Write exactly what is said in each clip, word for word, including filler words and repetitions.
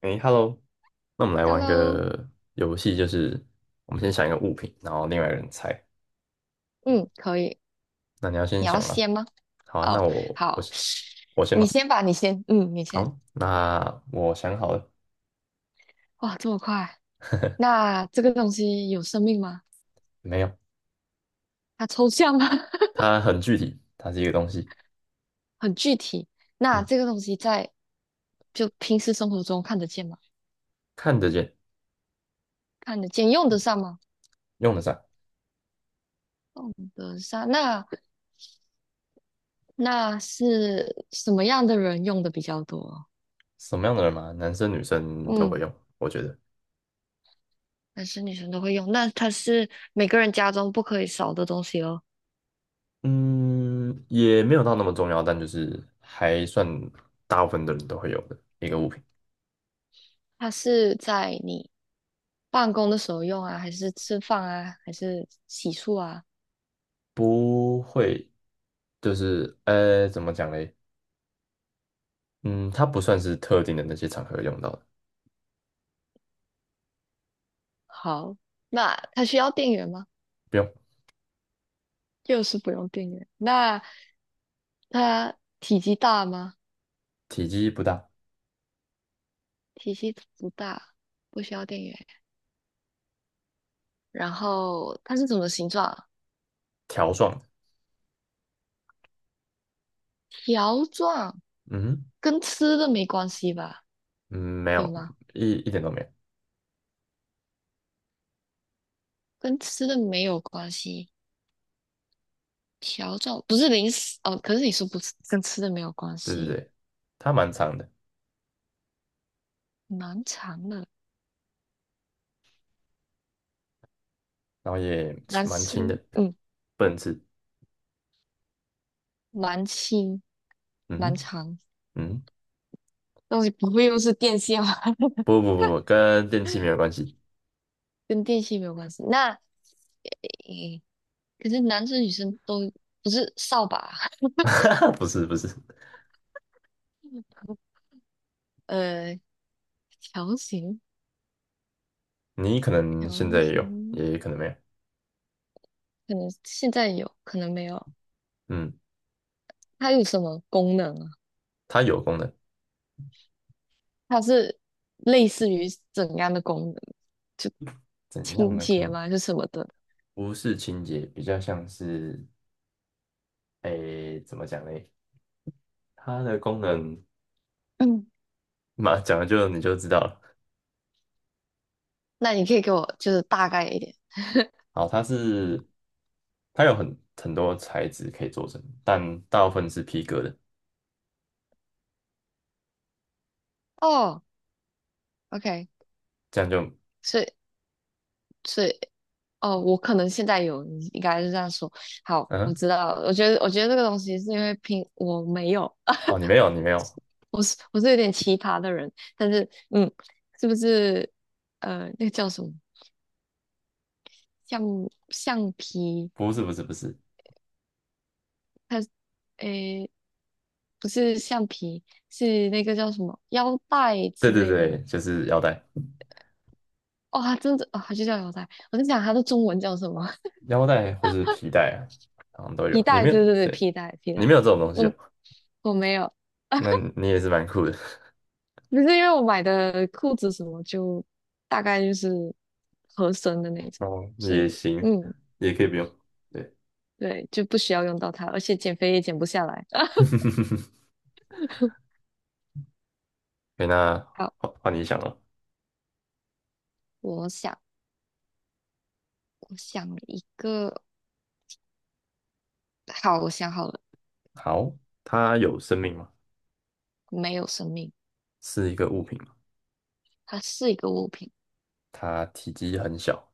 诶 h e l l o 那我们来玩 Hello，个游戏，就是我们先想一个物品，然后另外一个人猜。嗯，可以。那你要先你要想啊，先吗？好啊，那哦，我我好，先我先你吧。先吧，你先，嗯，你先。好，那我想好了，哇，这么快？那这个东西有生命吗？没有，它抽象吗？它很具体，它是一个东西，很具体。那嗯，这个东西在就平时生活中看得见吗？看得见，看得见，用得上吗？用得上，用得上。那那是什么样的人用的比较多？什么样的人嘛，男生女生都会嗯，用，我觉得，男生女生都会用。那它是每个人家中不可以少的东西哦。嗯，也没有到那么重要，但就是还算大部分的人都会有的一个物品，它是在你办公的时候用啊，还是吃饭啊，还是洗漱啊？不会，就是呃，怎么讲嘞？嗯，它不算是特定的那些场合用到的，好，那它需要电源吗？不用，就是不用电源。那它体积大吗？体积不大，体积不大，不需要电源。然后它是什么形状啊？条状的，条状，嗯哼跟吃的没关系吧？嗯，没有有，吗？一一点都没有，跟吃的没有关系。条状不是零食哦，可是你说不是跟吃的没有关对对系，对，它蛮长的，蛮长的。然后也男蛮轻生，的，嗯，不能吃，蛮轻嗯蛮哼长，嗯，东西不会又是电线吧？不不不不，跟电器没有 关系，跟电线没有关系。那诶，可是男生女生都不是扫把，不是不是，呃，条形你可能条现在也有，形，也可能没有，可能现在有，可能没有。嗯，它有什么功能啊？它有功能，它是类似于怎样的功能？就怎样清的功洁能？吗？还是什么的？不是清洁，比较像是，诶，怎么讲嘞？它的功能 嗯，嘛，讲了就你就知道了。那你可以给我就是大概一点。好，它是它有很很多材质可以做成，但大部分是皮革的。哦，OK，这样就所以所以哦，我可能现在有，你应该是这样说。好，我嗯知道了。我觉得，我觉得这个东西是因为拼我没有，哦，你没有你没有，我是我是有点奇葩的人，但是嗯，是不是呃那个叫什么橡橡皮？不是不是不是，它诶不是橡皮，是那个叫什么腰带对之对类的。对，就是腰带、哦，它真的哦，它就叫腰带。我在想它的中文叫什么？腰带或是皮带啊，好像都皮有。你带，没有对对对，对，皮带皮你带。没有这种东西我哦，我没有。那你也是蛮酷的 不是因为我买的裤子什么就大概就是合身的那 种，哦，所也以行，嗯，也可以不用。对，对，就不需要用到它，而且减肥也减不下来。可那好，换换你想哦。我想我想一个，好，我想好了，好，它有生命吗？没有生命，是一个物品吗？它是一个物品，它体积很小，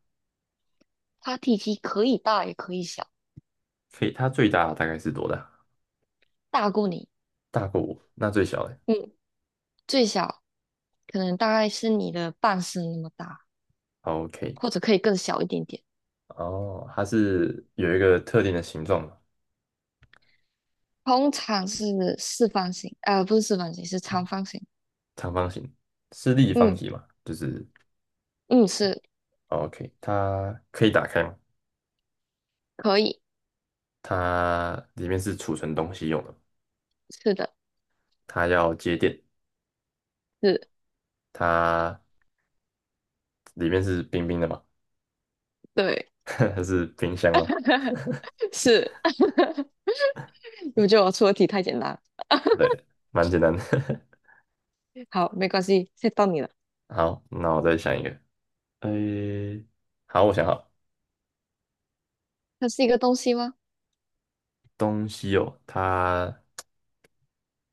它体积可以大也可以小，可以，它最大大概是多大？大过你，大过我，那最小的。嗯，最小可能大概是你的半身那么大，好，OK。或者可以更小一点点。哦，它是有一个特定的形状嘛，通常是四方形，呃，不是四方形，是长方形。长方形，是立方嗯，体嘛？就是嗯，是哦 OK,它可以打开吗？可以，它里面是储存东西用的是的，它要接电，是，它里面是冰冰的嘛？对，它是冰箱吗？是。我觉得我出的题太简单了。对，蛮简单的。好，没关系，现在到你了。好，那我再想一个。诶，好，我想好它是一个东西吗？东西哦，它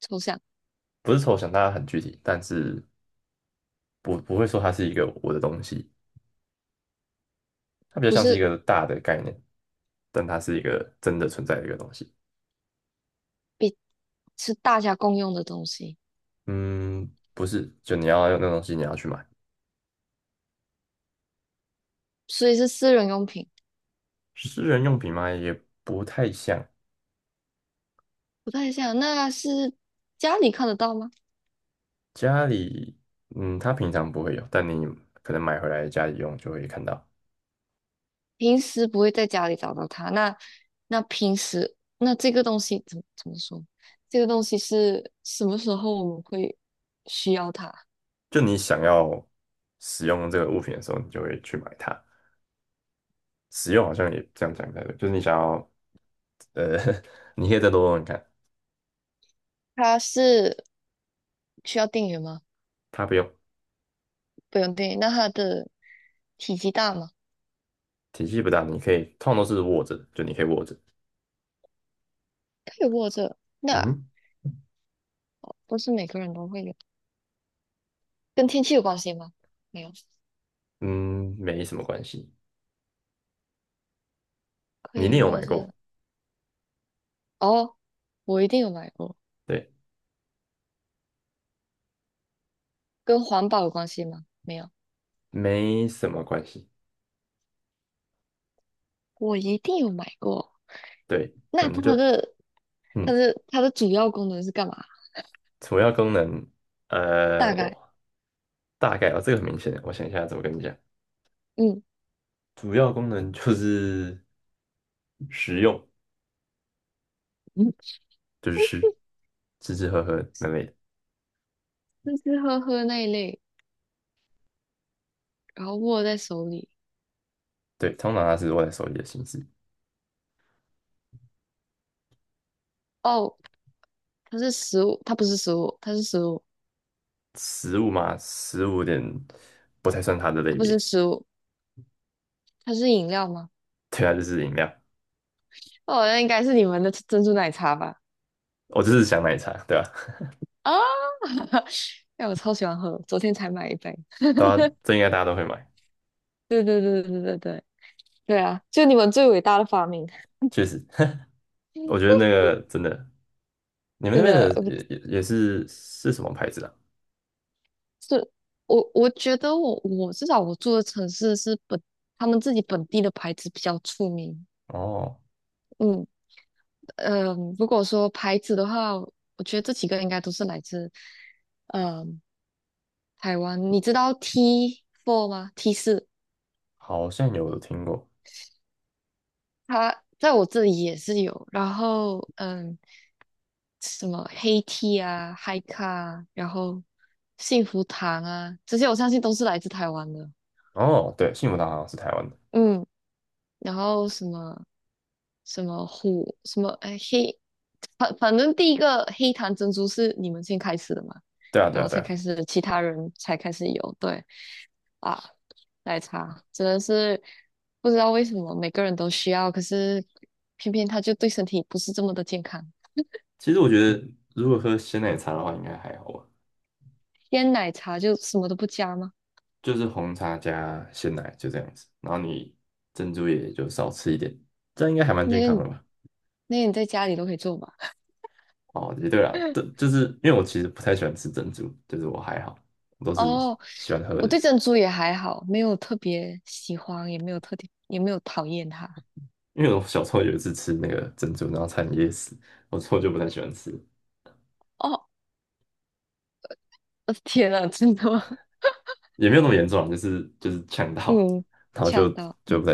抽象，不是抽象，它很具体，但是不不会说它是一个我的东西。它比较不像是一是个大的概念，但它是一个真的存在的一个东西。比，是大家共用的东西，嗯，不是，就你要用那东西，你要去买。所以是私人用品。私人用品嘛，也不太像不太像，那是家里看得到吗？家里，嗯，它平常不会有，但你可能买回来家里用就会看到。平时不会在家里找到它。那那平时那这个东西怎么怎么说？这个东西是什么时候我们会需要它？就你想要使用这个物品的时候，你就会去买它。使用好像也这样讲才对，就是你想要，呃，你可以再多用用看，它是需要电源吗？它不用，不用定义那它的体积大吗？体积不大，你可以通常都是握着，就你可以握着，可以握着，嗯那哼，不是每个人都会有，跟天气有关系吗？没有，嗯，没什么关系。可你一以定有握买过，着。哦，我一定有买过，对，跟环保有关系吗？没有，没什么关系，我一定有买过。对，可那能它就的它嗯，的它的主要功能是干嘛？主要功能，呃，大概，我大概哦，这个很明显，我想一下怎么跟你讲，嗯主要功能就是食用，嗯，就是吃，吃吃喝喝那类的，吃吃喝喝那一类，然后握在手里。对，通常它是握在手里的形式，哦，它是食物，它不是食物，它是食物，食物嘛，食物有点不太算它的它类不是别，食物，它是饮料吗？对啊，就是饮料，哦，那应该是你们的珍珠奶茶吧。我就是想奶茶，对吧、啊？啊，哎，我超喜欢喝，昨天才买一杯。大家这应该大家都会买，对对对对对对对，对啊，就你们最伟大的发明，确实，我觉得那 个真的。你们那真边的，的呃也也也是是什么牌子的？是我我觉得我我至少我住的城市是本他们自己本地的牌子比较出名。哦，嗯嗯，呃如果说牌子的话，我觉得这几个应该都是来自嗯台湾。你知道 T four 吗？T 四，好像有听过。它在我这里也是有。然后嗯。什么黑 t h 啊、嗨咖啊，然后幸福堂啊，这些我相信都是来自台湾的。哦，对，幸福堂好像是台湾的。嗯，然后什么什么虎什么哎黑，反反正第一个黑糖珍珠是你们先开始的嘛，对啊，对然啊，后对才啊。开始其他人才开始有，对啊，奶茶真的是不知道为什么每个人都需要，可是偏偏它就对身体不是这么的健康。其实我觉得，如果喝鲜奶茶的话，应该还好吧，鲜奶茶就什么都不加吗？就是红茶加鲜奶就这样子，然后你珍珠也就少吃一点，这样应该还蛮那健个康你的吧？那你在家里都可以做吧？哦，也对啦，对，就是因为我其实不太喜欢吃珍珠，就是我还好，我都是哦，喜欢喝我的。对珍珠也还好，没有特别喜欢，也没有特别，也没有讨厌它。因为我小时候有一次吃那个珍珠，然后差点噎死，我之后就不太喜欢吃。哦，我的天呐，真的吗？也没有那么严重啊，就是就是呛 到，嗯，然后就呛到，就嗯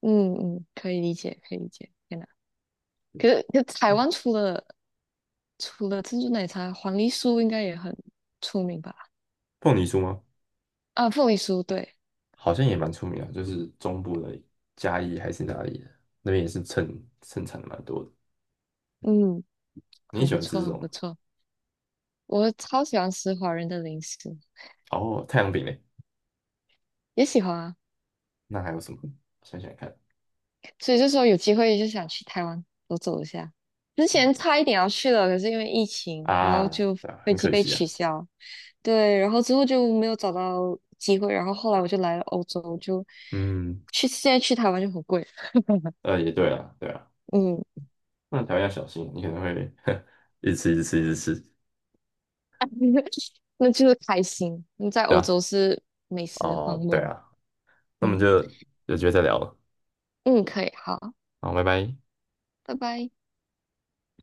嗯嗯，可以理解，可以理解。天呐，可是可是台湾除了除了珍珠奶茶，黄梨酥应该也很出名吧？凤梨酥吗？啊，凤梨酥，对，好像也蛮出名啊，就是中部的嘉义还是哪里的那边也是盛盛产的蛮多的。嗯，你很喜不欢吃错，这很种吗不错。我超喜欢吃华人的零食，哦，太阳饼嘞，也喜欢啊。那还有什么？想想看所以就说有机会就想去台湾走走一下。之前差一点要去了，可是因为疫情，然后啊，就对啊，飞很机可被惜啊。取消。对，然后之后就没有找到机会，然后后来我就来了欧洲，就嗯，去现在去台湾就很贵。呃，也对啊，对啊，嗯，那条要小心，你可能会 一直吃一直吃一直吃，那就是开心。那在对欧啊，洲是美食荒哦，对漠。啊，那我们嗯就有机会再聊了，嗯，可以，好，好，拜拜。拜拜。